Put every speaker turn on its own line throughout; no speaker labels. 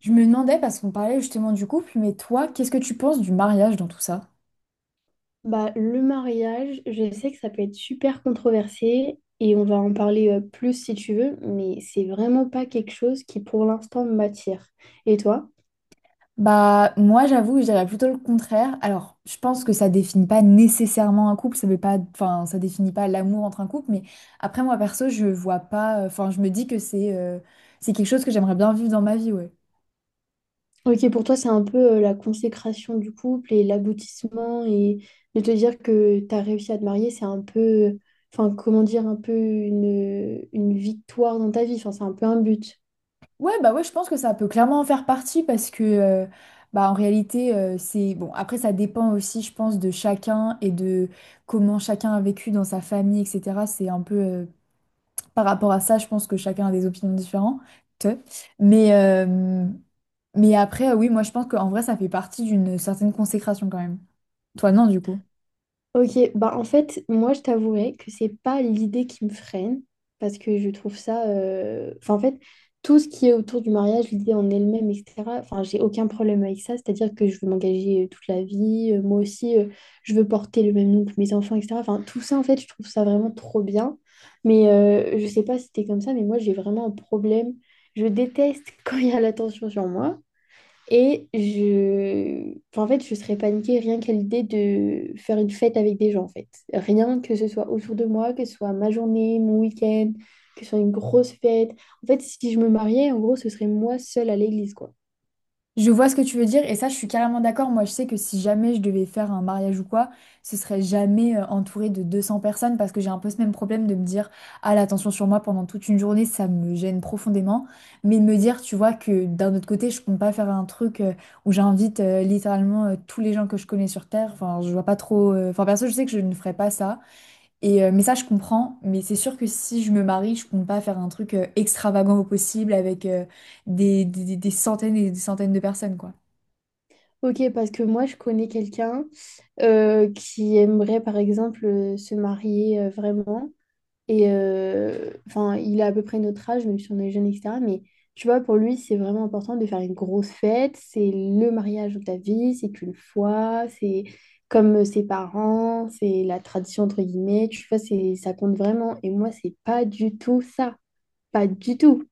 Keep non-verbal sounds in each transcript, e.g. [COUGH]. Je me demandais, parce qu'on parlait justement du couple, mais toi, qu'est-ce que tu penses du mariage dans tout ça?
Bah, le mariage, je sais que ça peut être super controversé et on va en parler plus si tu veux, mais c'est vraiment pas quelque chose qui pour l'instant m'attire. Et toi?
Bah, moi, j'avoue, je dirais plutôt le contraire. Alors, je pense que ça définit pas nécessairement un couple, ça veut pas, enfin, ça définit pas l'amour entre un couple, mais après, moi, perso, je vois pas, enfin, je me dis que c'est quelque chose que j'aimerais bien vivre dans ma vie, ouais.
Ok, pour toi, c'est un peu la consécration du couple et l'aboutissement et de te dire que tu as réussi à te marier, c'est un peu, enfin, comment dire, un peu une victoire dans ta vie, enfin, c'est un peu un but.
Ouais, bah ouais, je pense que ça peut clairement en faire partie parce que, bah, en réalité, c'est, bon, après, ça dépend aussi, je pense, de chacun et de comment chacun a vécu dans sa famille, etc. C'est un peu par rapport à ça, je pense que chacun a des opinions différentes. Mais, euh, mais après, oui, moi, je pense qu'en vrai, ça fait partie d'une certaine consécration quand même. Toi, non, du coup.
Ok, bah en fait, moi je t'avouerai que c'est pas l'idée qui me freine, parce que je trouve ça, enfin, en fait, tout ce qui est autour du mariage, l'idée en elle-même, etc. Enfin, j'ai aucun problème avec ça, c'est-à-dire que je veux m'engager toute la vie, moi aussi, je veux porter le même nom que mes enfants, etc. Enfin, tout ça, en fait, je trouve ça vraiment trop bien. Mais je sais pas si t'es comme ça, mais moi j'ai vraiment un problème. Je déteste [LAUGHS] quand il y a l'attention sur moi. Et enfin, en fait, je serais paniquée rien qu'à l'idée de faire une fête avec des gens, en fait. Rien que ce soit autour de moi, que ce soit ma journée, mon week-end, que ce soit une grosse fête. En fait, si je me mariais, en gros, ce serait moi seule à l'église, quoi.
Je vois ce que tu veux dire et ça, je suis carrément d'accord. Moi, je sais que si jamais je devais faire un mariage ou quoi, ce serait jamais entouré de 200 personnes parce que j'ai un peu ce même problème de me dire, ah, l'attention sur moi pendant toute une journée, ça me gêne profondément. Mais de me dire, tu vois, que d'un autre côté, je compte pas faire un truc où j'invite littéralement tous les gens que je connais sur Terre. Enfin, je vois pas trop. Enfin, perso, je sais que je ne ferais pas ça. Et, mais ça, je comprends. Mais c'est sûr que si je me marie, je compte pas faire un truc extravagant au possible avec des centaines et des centaines de personnes, quoi.
Ok, parce que moi, je connais quelqu'un qui aimerait, par exemple, se marier vraiment. Et enfin, il a à peu près notre âge, même si on est jeune, etc. Mais tu vois, pour lui, c'est vraiment important de faire une grosse fête. C'est le mariage de ta vie, c'est qu'une fois, c'est comme ses parents, c'est la tradition, entre guillemets. Tu vois, c'est, ça compte vraiment. Et moi, c'est pas du tout ça. Pas du tout.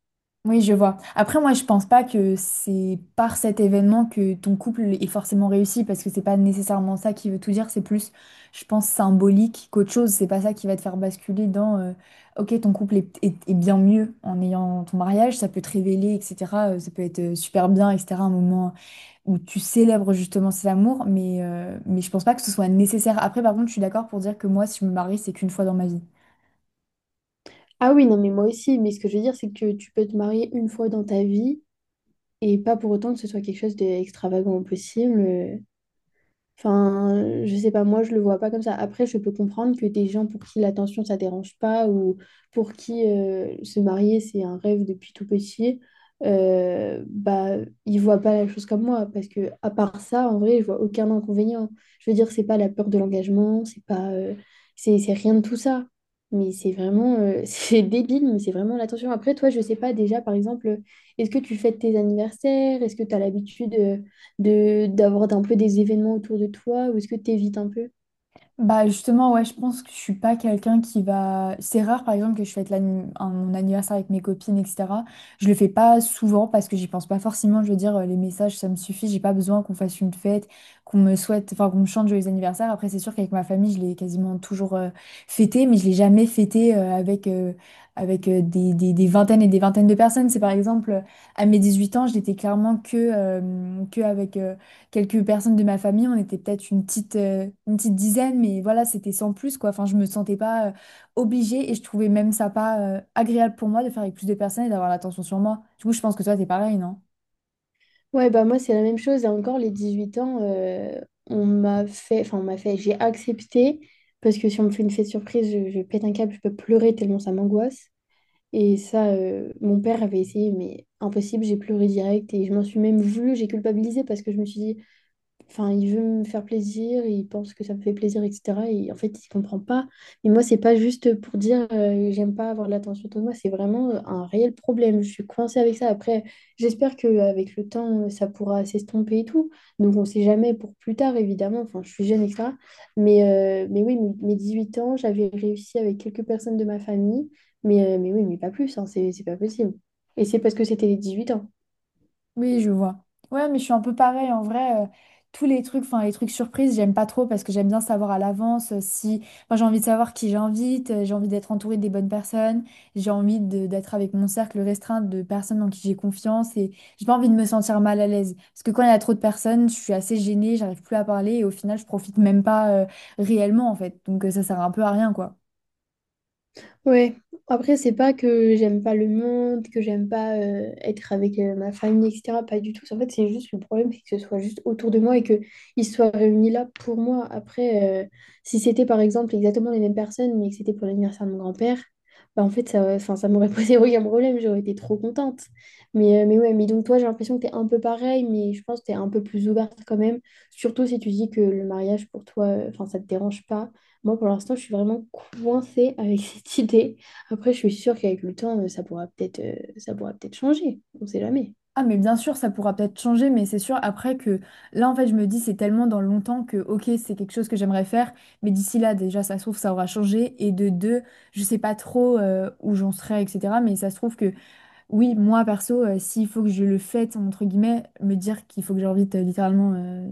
Oui, je vois. Après, moi, je pense pas que c'est par cet événement que ton couple est forcément réussi, parce que c'est pas nécessairement ça qui veut tout dire. C'est plus, je pense, symbolique qu'autre chose. C'est pas ça qui va te faire basculer dans, ok, ton couple est, est bien mieux en ayant ton mariage. Ça peut te révéler, etc. Ça peut être super bien, etc. Un moment où tu célèbres justement cet amour, mais je pense pas que ce soit nécessaire. Après, par contre, je suis d'accord pour dire que moi, si je me marie, c'est qu'une fois dans ma vie.
Ah oui, non, mais moi aussi. Mais ce que je veux dire, c'est que tu peux te marier une fois dans ta vie et pas pour autant que ce soit quelque chose d'extravagant au possible. Enfin, je sais pas, moi je le vois pas comme ça. Après, je peux comprendre que des gens pour qui l'attention ça dérange pas ou pour qui se marier c'est un rêve depuis tout petit, bah ils voient pas la chose comme moi parce que à part ça, en vrai, je vois aucun inconvénient. Je veux dire, c'est pas la peur de l'engagement, c'est pas, c'est rien de tout ça. Mais c'est vraiment, [LAUGHS] c'est débile, mais c'est vraiment l'attention. Après, toi, je sais pas déjà, par exemple, est-ce que tu fêtes tes anniversaires? Est-ce que tu as l'habitude de d'avoir un peu des événements autour de toi ou est-ce que tu évites un peu?
Bah justement, ouais, je pense que je suis pas quelqu'un qui va... C'est rare, par exemple, que je fête mon anniversaire avec mes copines, etc. Je le fais pas souvent parce que j'y pense pas forcément. Je veux dire, les messages, ça me suffit. J'ai pas besoin qu'on fasse une fête, qu'on me souhaite, enfin, qu'on me chante joyeux anniversaire. Après, c'est sûr qu'avec ma famille, je l'ai quasiment toujours fêté, mais je l'ai jamais fêté avec, des vingtaines et des vingtaines de personnes. C'est par exemple, à mes 18 ans, je n'étais clairement que avec... quelques personnes de ma famille. On était peut-être une petite dizaine, mais voilà, c'était sans plus, quoi. Enfin, je me sentais pas obligée et je trouvais même ça pas agréable pour moi de faire avec plus de personnes et d'avoir l'attention sur moi. Du coup, je pense que toi, t'es pareil, non?
Ouais, bah moi c'est la même chose et encore les 18 ans on m'a fait, j'ai accepté parce que si on me fait une fête surprise, je pète un câble, je peux pleurer tellement ça m'angoisse et ça mon père avait essayé mais impossible, j'ai pleuré direct et je m'en suis même voulu, j'ai culpabilisé parce que je me suis dit. Enfin, il veut me faire plaisir, il pense que ça me fait plaisir, etc. Et en fait, il comprend pas. Mais moi, c'est pas juste pour dire j'aime pas avoir de l'attention de moi, c'est vraiment un réel problème. Je suis coincée avec ça. Après, j'espère qu'avec le temps, ça pourra s'estomper et tout. Donc, on sait jamais pour plus tard, évidemment. Enfin, je suis jeune, etc. Mais, mais oui, mes huit ans, j'avais réussi avec quelques personnes de ma famille. Mais oui, mais pas plus, hein, c'est pas possible. Et c'est parce que c'était les huit ans.
Oui, je vois. Ouais, mais je suis un peu pareil en vrai. Tous les trucs, enfin les trucs surprises, j'aime pas trop parce que j'aime bien savoir à l'avance si. Enfin, j'ai envie de savoir qui j'invite, j'ai envie d'être entourée des bonnes personnes, j'ai envie d'être avec mon cercle restreint de personnes en qui j'ai confiance et j'ai pas envie de me sentir mal à l'aise. Parce que quand il y a trop de personnes, je suis assez gênée, j'arrive plus à parler et au final, je profite même pas réellement en fait. Donc ça sert un peu à rien quoi.
Ouais, après, c'est pas que j'aime pas le monde, que j'aime pas être avec ma famille, etc. Pas du tout. En fait, c'est juste le problème, c'est que ce soit juste autour de moi et qu'ils soient réunis là pour moi. Après, si c'était par exemple exactement les mêmes personnes, mais que c'était pour l'anniversaire de mon grand-père, bah en fait, ça, enfin, ça m'aurait [LAUGHS] posé aucun problème, j'aurais été trop contente. Mais ouais, mais donc toi, j'ai l'impression que t'es un peu pareil, mais je pense que t'es un peu plus ouverte quand même, surtout si tu dis que le mariage pour toi, enfin, ça te dérange pas. Moi, pour l'instant, je suis vraiment coincée avec [LAUGHS] cette idée. Après, je suis sûre qu'avec le temps, ça pourra peut-être changer. On sait jamais.
Ah mais bien sûr, ça pourra peut-être changer, mais c'est sûr après que là en fait je me dis c'est tellement dans longtemps que ok c'est quelque chose que j'aimerais faire, mais d'ici là déjà ça se trouve ça aura changé et de deux je sais pas trop où j'en serai etc. Mais ça se trouve que oui, moi perso, s'il faut que je le fête, entre guillemets, me dire qu'il faut que j'invite littéralement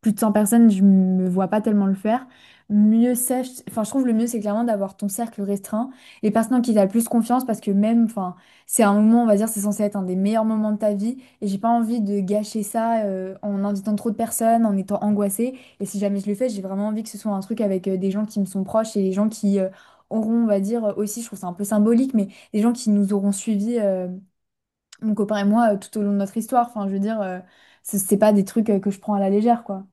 plus de 100 personnes, je me vois pas tellement le faire. Mieux c'est, enfin je trouve le mieux c'est clairement d'avoir ton cercle restreint, les personnes en qui t'as le plus confiance parce que même, enfin c'est un moment, on va dire, c'est censé être un des meilleurs moments de ta vie et j'ai pas envie de gâcher ça en invitant trop de personnes, en étant angoissée. Et si jamais je le fais, j'ai vraiment envie que ce soit un truc avec des gens qui me sont proches et des gens qui auront, on va dire, aussi, je trouve ça un peu symbolique, mais des gens qui nous auront suivis mon copain et moi tout au long de notre histoire. Enfin, je veux dire, c'est pas des trucs que je prends à la légère, quoi.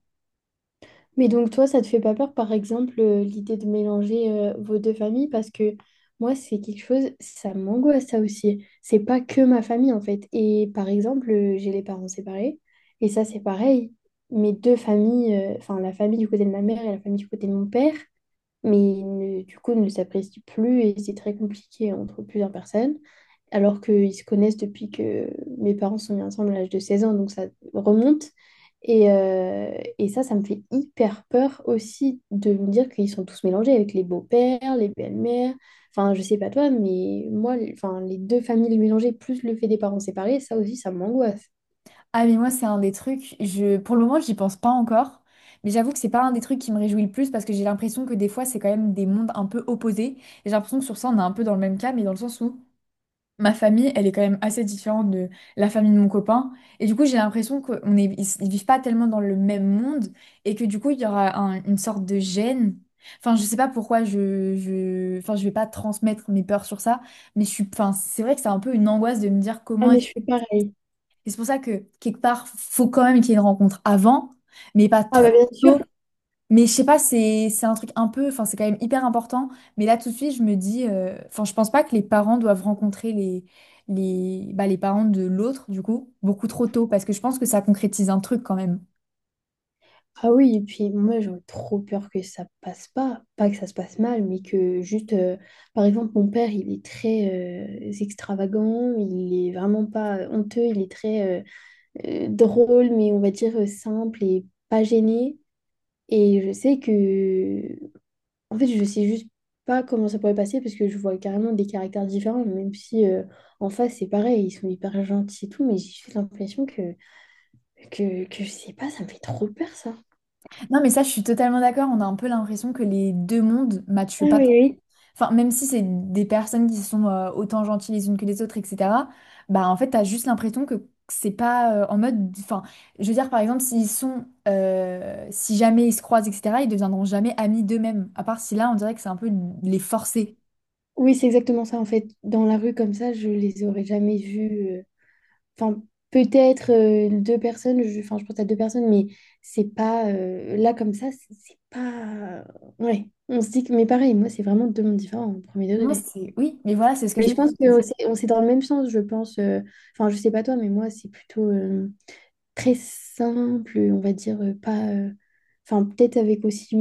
Mais donc, toi, ça te fait pas peur, par exemple, l'idée de mélanger vos deux familles? Parce que moi, c'est quelque chose, ça m'angoisse, ça aussi. C'est pas que ma famille, en fait. Et par exemple, j'ai les parents séparés. Et ça, c'est pareil. Mes deux familles, enfin, la famille du côté de ma mère et la famille du côté de mon père. Mais du coup ne s'apprécient plus et c'est très compliqué entre plusieurs personnes, alors qu'ils se connaissent depuis que mes parents sont mis ensemble à l'âge de 16 ans, donc ça remonte. Et, euh, et, ça, ça me fait hyper peur aussi de me dire qu'ils sont tous mélangés avec les beaux-pères, les belles-mères. Enfin, je sais pas toi, mais moi, enfin, les deux familles mélangées, plus le fait des parents séparés, ça aussi, ça m'angoisse.
Ah, mais moi, c'est un des trucs, je, pour le moment, j'y pense pas encore. Mais j'avoue que c'est pas un des trucs qui me réjouit le plus parce que j'ai l'impression que des fois, c'est quand même des mondes un peu opposés. Et j'ai l'impression que sur ça, on est un peu dans le même cas, mais dans le sens où ma famille, elle est quand même assez différente de la famille de mon copain. Et du coup, j'ai l'impression qu'on est, ils vivent pas tellement dans le même monde et que du coup, il y aura une sorte de gêne. Enfin, je sais pas pourquoi je, enfin, je vais pas transmettre mes peurs sur ça, mais je suis, enfin, c'est vrai que c'est un peu une angoisse de me dire
Ah,
comment.
mais je suis pareil.
Et c'est pour ça que quelque part, faut quand même qu'il y ait une rencontre avant, mais pas
Ah,
trop
bah bien
tôt
sûr.
mais je sais pas, c'est un truc un peu, enfin c'est quand même hyper important. Mais là tout de suite, je me dis, enfin je pense pas que les parents doivent rencontrer les parents de l'autre du coup beaucoup trop tôt parce que je pense que ça concrétise un truc quand même.
Ah oui, et puis moi j'aurais trop peur que ça passe pas, pas que ça se passe mal, mais que juste, par exemple, mon père il est très extravagant, il est vraiment pas honteux, il est très drôle, mais on va dire simple et pas gêné. Et je sais que, en fait, je sais juste pas comment ça pourrait passer parce que je vois carrément des caractères différents, même si en face c'est pareil, ils sont hyper gentils et tout, mais j'ai juste l'impression que je sais pas, ça me fait trop peur ça.
Non mais ça, je suis totalement d'accord. On a un peu l'impression que les deux mondes matchent
Ah
pas.
oui oui,
Enfin, même si c'est des personnes qui sont autant gentilles les unes que les autres, etc., bah en fait, t'as juste l'impression que c'est pas en mode. Enfin, je veux dire, par exemple, s'ils sont, si jamais ils se croisent, etc., ils deviendront jamais amis d'eux-mêmes. À part si là, on dirait que c'est un peu les forcer.
oui, c'est exactement ça. En fait, dans la rue comme ça, je les aurais jamais vus. Enfin, peut-être deux personnes. Enfin, je pense à deux personnes, mais c'est pas là comme ça. C'est pas. Ouais. On se dit que. Mais pareil, moi, c'est vraiment deux mondes différents au premier
Moi,
degré.
c'est. Oui, mais voilà, c'est ce que
Mais
je veux
je pense
dire.
que c'est dans le même sens. Je pense. Enfin, je sais pas toi, mais moi, c'est plutôt très simple. On va dire pas. Enfin, peut-être avec aussi.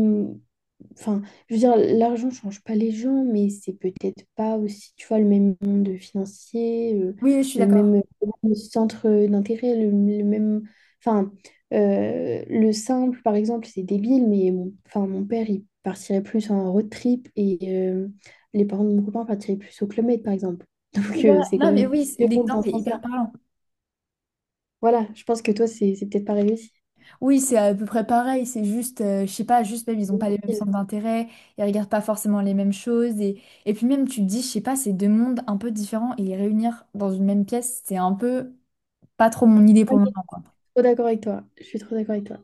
Enfin, je veux dire, l'argent change pas les gens, mais c'est peut-être pas aussi, tu vois, le même monde financier,
Oui, je suis
le
d'accord.
même le centre d'intérêt, le même... Enfin, le simple, par exemple, c'est débile, mais mon, enfin, mon père, il partirait plus en road trip et euh, les parents de mon copain partiraient plus au Club Med, par exemple. [LAUGHS] Donc,
Voilà.
c'est quand
Non, mais
même
oui,
deux mondes dans
l'exemple
ce
est
sens-là.
hyper parlant.
Voilà, je pense que toi, c'est peut-être pareil aussi.
Oui, c'est à peu près pareil, c'est juste, je sais pas, juste même, ils ont pas les mêmes
Je suis
centres d'intérêt, ils regardent pas forcément les mêmes choses, et puis même, tu te dis, je sais pas, c'est deux mondes un peu différents, et les réunir dans une même pièce, c'est un peu pas trop mon idée pour le moment, quoi.
trop d'accord avec toi. Je suis trop d'accord avec toi.